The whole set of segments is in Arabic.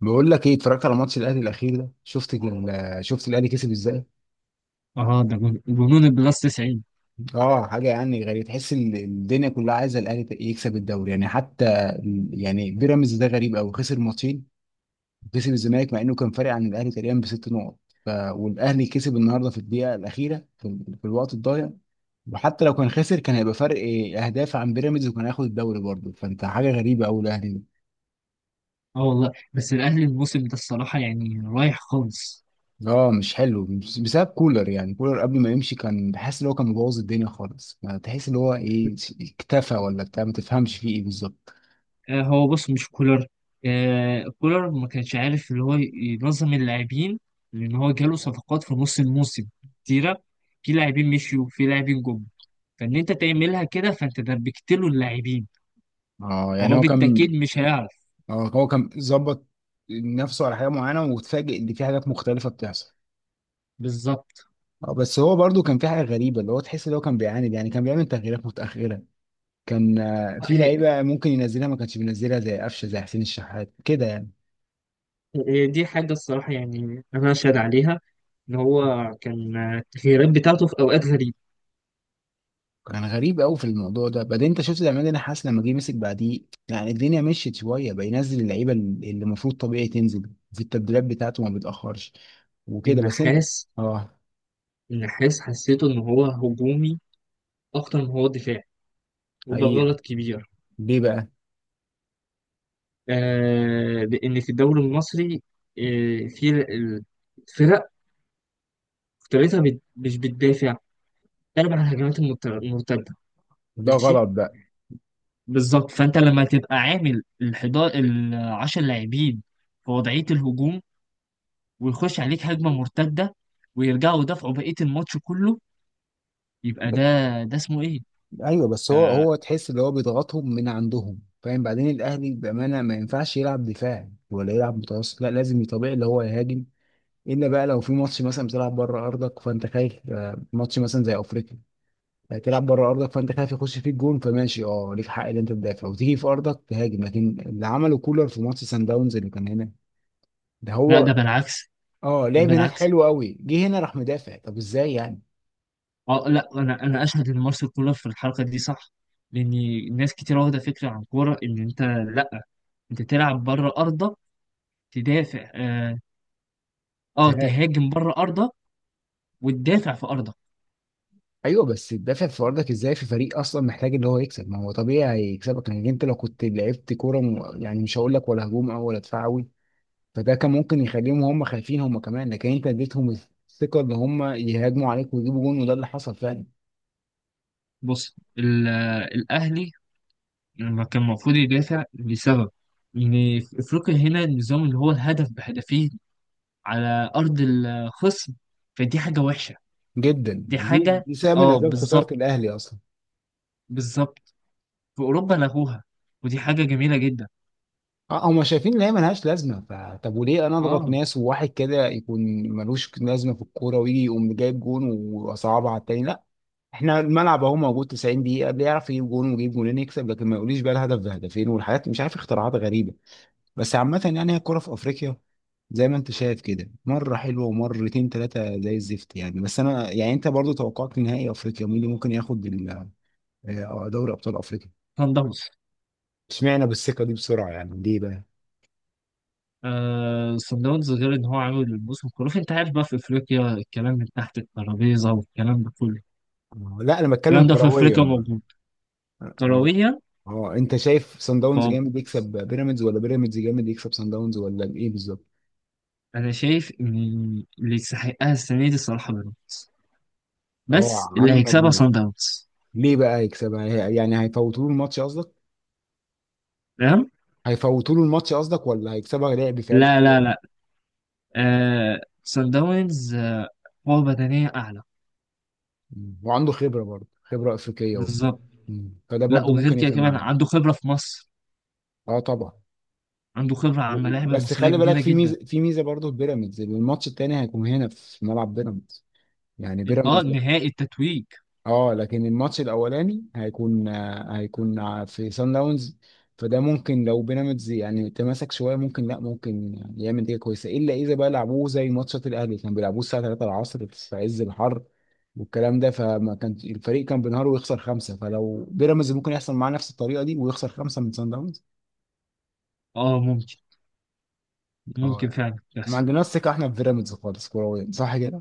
بقول لك ايه، اتفرجت على ماتش الاهلي الاخير ده؟ شفت شفت الاهلي كسب ازاي. اه ده جنون البلس 90. اه، حاجه يعني غريبه، تحس الدنيا كلها عايزه الاهلي يكسب الدوري. يعني حتى بيراميدز ده غريب قوي، خسر ماتشين وكسب الزمالك مع انه كان فارق عن الاهلي تقريبا بست نقط. والاهلي كسب النهارده في الدقيقه الاخيره، في الوقت الضايع. وحتى لو كان خسر كان هيبقى فرق إيه، اهداف عن بيراميدز، وكان هياخد الدوري برضه. فانت حاجه غريبه قوي الاهلي. اه والله، بس الاهلي الموسم ده الصراحه يعني رايح خالص. اه مش حلو بسبب كولر. يعني كولر قبل ما يمشي كان بحس ان هو كان مبوظ الدنيا خالص، ما تحس ان هو ايه، اكتفى ولا بتاع، ما تفهمش فيه ايه بالظبط. آه هو بص، مش كولر. آه، كولر ما كانش عارف اللي هو ينظم اللاعبين، لان هو جاله صفقات في نص الموسم كتيره، في لاعبين مشيوا في لاعبين جم، فان انت تعملها كده فانت دربكت له اللاعبين، اه يعني فهو هو كان، بالتاكيد مش هيعرف. اه هو كان ظبط نفسه على حاجه معينه وتفاجئ ان في حاجات مختلفه بتحصل. بالظبط. اه بس هو برضو كان في حاجه غريبه، اللي هو تحس ان هو كان بيعاند، يعني كان بيعمل تغييرات متاخره. كان آه، في هي- لعيبه ممكن ينزلها ما كانش بينزلها، زي قفشه زي حسين الشحات كده يعني. هي دي حاجه الصراحه، يعني انا اشهد عليها ان هو كان التغييرات بتاعته في اوقات غريبه. كان غريب قوي في الموضوع ده. بعدين انت شفت العماد، انا حاسس لما جه مسك بعديه يعني، الدنيا مشيت شويه، بقى ينزل اللعيبه اللي المفروض طبيعي تنزل في التبديلات بتاعته، ما بيتاخرش وكده. بس انت، النحاس. اه، النحاس حسيته إن هو هجومي أكتر ما هو دفاعي، وده حقيقي. غلط كبير. ليه بقى؟ آه لأن في الدوري المصري، آه في ال- الفرق أكتريتها مش بتدافع، بتلعب على الهجمات المرتدة. ده ماشي. غلط بقى. بالظبط، فأنت لما تبقى عامل الحداشر العشر لاعبين في وضعية الهجوم، ويخش عليك هجمة مرتدة، ويرجعوا يدافعوا بقية الماتش كله، يبقى ب... ده، ده اسمه إيه؟ ايوه بس هو ده هو تحس اللي هو بيضغطهم من عندهم، فاهم؟ بعدين الاهلي بامانه ما ينفعش يلعب دفاع ولا يلعب متوسط، لا لازم طبيعي اللي هو يهاجم. الا بقى لو في ماتش مثلا بتلعب بره ارضك فانت خايف، ماتش مثلا زي افريقيا، تلعب بره ارضك فانت خايف يخش فيك جون، فماشي، اه ليك حق ان انت تدافع وتيجي في ارضك تهاجم. لكن اللي عمله كولر في ماتش سان داونز اللي كان هنا، ده لا، هو، ده بالعكس. اه ده لعب هناك بالعكس. حلو قوي، جه هنا راح مدافع. طب ازاي يعني؟ اه لا، انا اشهد ان مارسيل كولر في الحركه دي صح، لان ناس كتير واخده فكره عن الكوره ان انت، لا، انت تلعب بره ارضك تدافع. اه، آه، ده- تهاجم بره ارضك وتدافع في ارضك. ايوه بس تدافع في ارضك ازاي في فريق اصلا محتاج ان هو يكسب؟ ما هو طبيعي هيكسبك. لان انت لو كنت لعبت كوره يعني مش هقول لك ولا هجوم او ولا دفاع قوي، فده كان ممكن يخليهم هم خايفين هم كمان. لكن انت اديتهم الثقه ان هم يهاجموا عليك ويجيبوا جون، وده اللي حصل فعلا. بص، الاهلي لما كان المفروض يدافع لسبب ان في افريقيا هنا النظام اللي هو الهدف بهدفين على ارض الخصم، فدي حاجه وحشه. جدا، دي دي حاجه. دي سبب من اه اسباب خساره بالظبط. الاهلي اصلا. بالظبط. في اوروبا لغوها، ودي حاجه جميله جدا. اه هم شايفين ان هي ملهاش لازمه. فطب وليه انا اضغط اه. ناس وواحد كده يكون ملوش لازمه في الكوره، ويجي يقوم جايب جون وصعبها على التاني؟ لا، احنا الملعب اهو موجود 90 دقيقه، اللي يعرف يجيب جون ويجيب جونين يكسب. لكن ما يقوليش بقى الهدف بهدفين والحاجات مش عارف اختراعات غريبه. بس عامه يعني هي الكوره في افريقيا زي ما انت شايف كده، مره حلوه ومرتين ثلاثه زي الزفت يعني. بس انا يعني انت برضو توقعت نهائي افريقيا مين اللي ممكن ياخد دوري ابطال افريقيا؟ سان داونز. اشمعنى بالثقه دي بسرعه يعني؟ ليه بقى؟ آه، صن داونز، غير ان هو عامل موسم خرافي. انت عارف بقى في افريقيا الكلام من تحت الترابيزه والكلام ده كله. لا انا بتكلم الكلام ده في كرويا افريقيا برضه. موجود. انا بك... كرويا. اه انت شايف سان داونز طب، جامد يكسب بيراميدز، ولا بيراميدز جامد يكسب سان داونز، ولا ايه بالظبط؟ انا شايف ان اللي يستحقها السنه دي الصراحه بيراميدز، اه بس اللي عامل هيكسبها مجهود. صن داونز. ليه بقى يكسبها؟ يعني هيفوتوا له الماتش قصدك؟ تمام. هيفوتوا له الماتش قصدك، ولا هيكسبها لعب فعلا لا، لا، كوره؟ لا. آه صن داونز. قوه بدنيه اعلى. مم. وعنده خبره برضه، خبره افريقيه وبتاع. بالظبط. مم. فده لا، برضه وغير ممكن كده يفرق كمان معاه. عنده خبره في مصر. اه طبعا. عنده خبره على الملاعب بس المصريه خلي بالك كبيره في جدا. ميزه، في ميزه برضه في بيراميدز، الماتش التاني هيكون هنا في ملعب بيراميدز، يعني بيراميدز. نهائي التتويج. اه، لكن الماتش الاولاني هيكون في سان داونز. فده ممكن لو بيراميدز يعني تماسك شويه ممكن، لا ممكن يعني يعمل نتيجه كويسه، الا اذا بقى لعبوه زي ماتشات الاهلي كان بيلعبوه الساعه 3 العصر في عز الحر والكلام ده، فما كان الفريق كان بينهار ويخسر خمسه. فلو بيراميدز ممكن يحصل معاه نفس الطريقه دي ويخسر خمسه من سان داونز. اه ممكن. اه ممكن يعني فعلا، ما بس. عندناش ثقه احنا في بيراميدز خالص كرويا، صح كده؟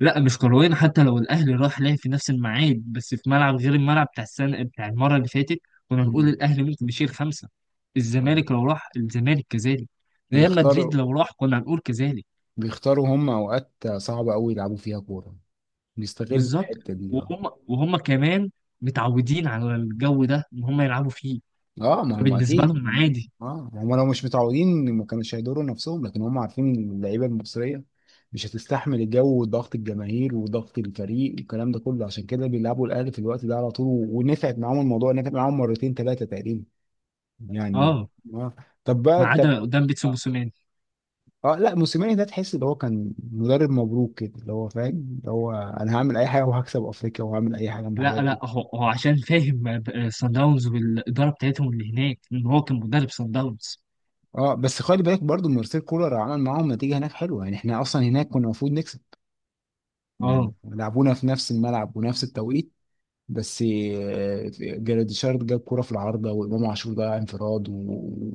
لا مش كرويا، حتى لو الاهلي راح لعب في نفس الميعاد بس في ملعب غير الملعب بتاع السنه بتاع المره اللي فاتت، كنا نقول مم. الاهلي ممكن يشيل خمسه. آه. الزمالك لو راح الزمالك كذلك. ريال بيختاروا، مدريد لو راح كنا هنقول كذلك. بيختاروا هم اوقات صعبه قوي يلعبوا فيها كوره، بيستغلوا بالظبط. الحتة دي، اه. وهم كمان متعودين على الجو ده ان هم يلعبوا فيه، اه ما هم فبالنسبه اكيد لهم عادي. اه ما هم لو مش متعودين ما كانوش هيضروا نفسهم، لكن هم عارفين ان اللعيبه المصريه مش هتستحمل الجو وضغط الجماهير وضغط الفريق والكلام ده كله، عشان كده بيلعبوا الاهلي في الوقت ده على طول، ونفعت معاهم الموضوع، نفع معاهم مرتين ثلاثه تقريبا يعني. اه، اه، طب بقى ما طب. عدا قدام بيتسو اه، موسوماني. لا موسيماني ده تحس ان هو كان مدرب مبروك كده، اللي هو فاهم اللي هو انا هعمل اي حاجه وهكسب افريقيا، وهعمل اي حاجه من الحاجات لا، دي. لا، هو عشان فاهم سان داونز والاداره بتاعتهم اللي هناك ان هو كان مدرب سان داونز. اه بس خلي بالك برضو مارسيل كولر عمل معاهم نتيجه هناك حلوه، يعني احنا اصلا هناك كنا المفروض نكسب، يعني اه، لعبونا في نفس الملعب ونفس التوقيت. بس جراديشار جاب كوره في العارضه، وامام عاشور ضيع انفراد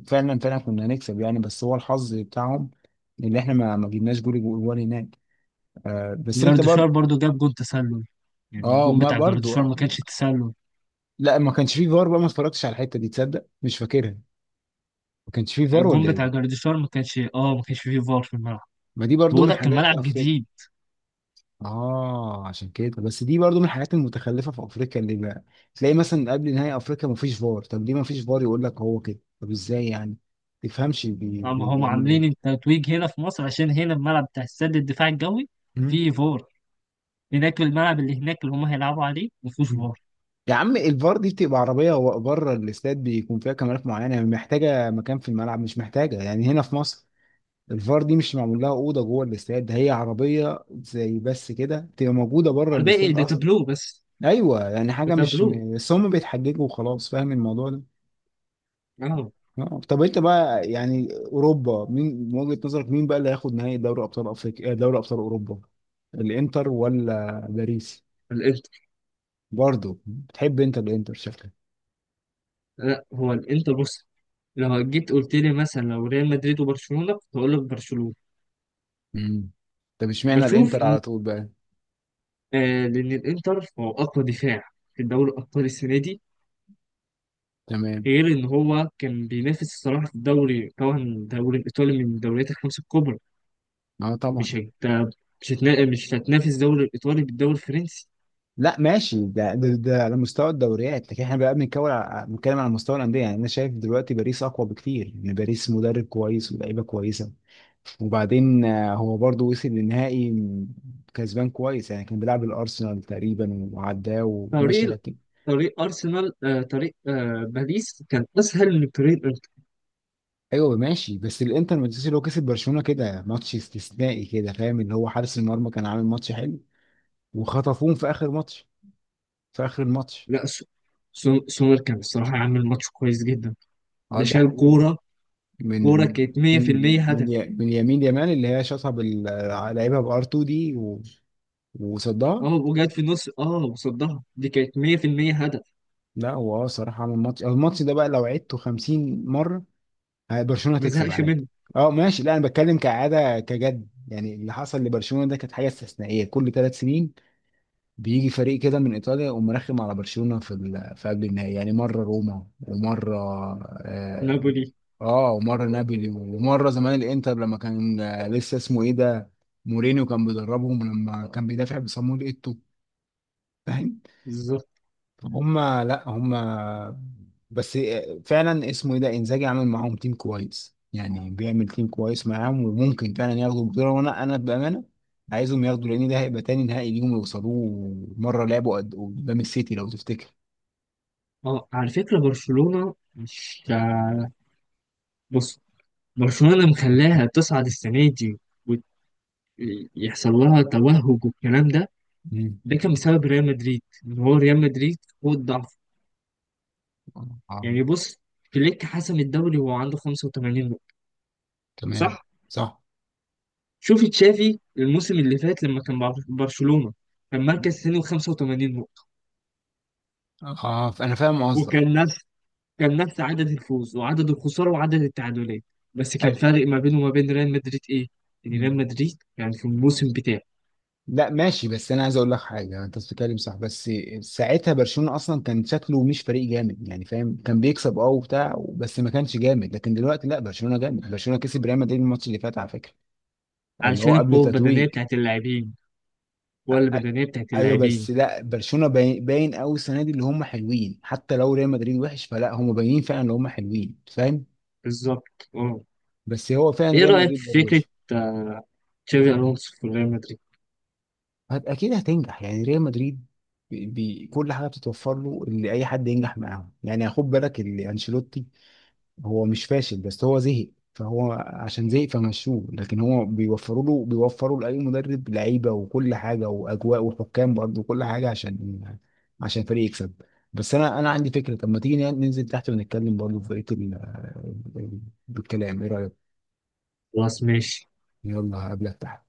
وفعلا فعلا كنا هنكسب يعني. بس هو الحظ بتاعهم، اللي احنا ما جبناش جول جول هناك. آه بس انت جارديشار برضو، برضو جاب جون تسلل، يعني اه الجون ما بتاع برضو جارديشار ما اه. كانش تسلل. لا ما كانش فيه فار بقى، ما اتفرجتش على الحته دي، تصدق مش فاكرها، ما كانش فيه فار الجون ولا ايه؟ بتاع جارديشار ما كانش، ما كانش فيه فار في الملعب. ما دي برضو بقول من لك حاجات الملعب افريقيا. جديد. اه عشان كده، بس دي برضو من الحاجات المتخلفه في افريقيا، اللي بقى تلاقي مثلا قبل نهائي افريقيا مفيش فار. طب ليه مفيش فار؟ يقول لك هو كده. طب ازاي يعني؟ تفهمش هم هم بيعملوا عاملين ايه. التتويج هنا في مصر، عشان هنا الملعب بتاع السد الدفاع الجوي مم. فيه فار. هناك الملعب اللي هناك اللي هم هيلعبوا عليه ما فيهوش مم. فار. يا عم الفار دي بتبقى عربيه بره الاستاد، بيكون فيها كاميرات معينه، يعني محتاجه مكان في الملعب، مش محتاجه يعني هنا في مصر، الفار دي مش معمول لها اوضه جوه الاستاد، ده هي عربيه زي بس كده تبقى موجوده بره على الباقي الاستاد ده اصلا. تابلو بس. ايوه يعني ده حاجه مش. تابلو. بس هم بيتحججوا وخلاص، فاهم الموضوع ده. اه. طب انت بقى يعني اوروبا، مين من وجهة نظرك، مين بقى اللي هياخد نهائي دوري ابطال افريقيا دوري ابطال اوروبا؟ الانتر ولا باريس؟ الانتر. برضو بتحب انت الانتر شكلك. لا، هو الانتر بص، لو جيت قلت لي مثلا لو ريال مدريد وبرشلونة كنت هقول لك برشلونة. امم. طب اشمعنى بشوف. الانتر على طول بقى؟ آه، لأن الإنتر هو أقوى دفاع في الدوري الأبطال السنة دي، تمام. غير إن هو كان بينافس الصراحة في الدوري، طبعا الدوري الإيطالي من الدوريات الخمسة الكبرى. اه مش طبعا. هت... مش هتنافس الدوري الإيطالي بالدوري الفرنسي. لا ماشي، ده على مستوى الدوريات، لكن احنا بقى بنتكلم على، بنتكلم على مستوى الانديه. يعني انا شايف دلوقتي باريس اقوى بكتير يعني، باريس مدرب كويس ولاعيبه كويسه، وبعدين هو برضو وصل للنهائي كسبان كويس يعني، كان بيلعب الارسنال تقريبا وعداه وماشي، طريق لكن طريق أرسنال آه، طريق آه، باريس كان أسهل من طريق الإنتر. ايوه ماشي. بس الانتر مانchester اللي هو كسب برشلونه كده، ماتش استثنائي كده، فاهم؟ اللي هو حارس المرمى كان عامل ماتش حلو، وخطفوهم في اخر ماتش، في اخر الماتش. لا سو- سو- سومر كان الصراحة عامل ماتش كويس جدا. اه، ده ده شال كورة. من كورة من، كانت من 100% هدف. من يمين يمان اللي هي شاطها بال، لعيبها بار 2 دي وصدها. اه وجات في النص، وصدها، دي كانت 100% هدف. لا هو اه صراحه عمل ماتش، الماتش ده بقى لو عدته 50 مره، برشلونه ما هتكسب زهقش عادي. منه. اه ماشي. لا انا بتكلم كعاده، كجد يعني، اللي حصل لبرشلونه ده كانت حاجه استثنائيه. كل ثلاث سنين بيجي فريق كده من ايطاليا يقوم مرخم على برشلونه في قبل النهائي يعني. مره روما ومره آه، نابولي. اه ومره نابولي، ومره زمان الانتر لما كان، لسه اسمه ايه ده، مورينيو كان بيدربهم، لما كان بيدافع بصامويل ايتو، فاهم؟ بالظبط. هم لا هم بس فعلا اسمه ايه ده، انزاجي، عامل معاهم تيم كويس يعني، بيعمل تيم كويس معاهم، وممكن فعلا ياخدوا البطوله. وانا انا بامانه عايزهم ياخدوا، لان ده هيبقى تاني نهائي ليهم يوصلوه، مره لعبوا قدام السيتي لو تفتكر. اه على فكرة برشلونة مش، بص، برشلونة مخلاها تصعد السنة دي ويحصل لها توهج والكلام ده، مم. ده كان بسبب ريال مدريد، ان هو ريال مدريد هو الضعف. آه، يعني بص، فليك حسم الدوري وهو عنده 85 نقطة، تمام. صح؟ صح. شوف تشافي الموسم اللي فات لما كان مع برشلونة، كان مركز ثاني و85 نقطة، فأنا فاهم قصدك. وكان نفس عدد الفوز وعدد الخسارة وعدد التعادلات، بس كان فارق ما بينه وما بين ريال مدريد إيه؟ إن ريال أي- مدريد يعني في الموسم بتاعه، لا ماشي بس انا عايز اقول لك حاجه، انت بتتكلم صح، بس ساعتها برشلونه اصلا كان شكله مش فريق جامد يعني، فاهم، كان بيكسب اه وبتاع، بس ما كانش جامد. لكن دلوقتي لا، برشلونه جامد، برشلونه كسب ريال مدريد الماتش اللي فات على فكره، اللي هو علشان قبل القوة البدنية تتويج. بتاعت اللاعبين والبدنية بتاعت ايوه اللاعبين. بس لا برشلونه باين قوي السنه دي، اللي هم حلوين، حتى لو ريال مدريد وحش، فلا هم باينين فعلا ان هم حلوين، فاهم. بالظبط أه. بس هو فعلا إيه ريال رأيك مدريد في برضه. فكرة، آه، تشافي ألونسو في ريال مدريد؟ اكيد هتنجح يعني ريال مدريد، بي كل حاجه بتتوفر له، اللي اي حد ينجح معاهم يعني. خد بالك اللي انشيلوتي، هو مش فاشل بس هو زهق، فهو عشان زهق فمشوه، لكن هو بيوفروا له، بيوفروا لاي مدرب لعيبه وكل حاجه واجواء وحكام برضه وكل حاجه، عشان عشان الفريق يكسب. بس انا عندي فكره، طب ما تيجي ننزل تحت ونتكلم برضه في بقيه ال- بالكلام، ايه رايك؟ خلاص ماشي. يلا هقابلك تحت.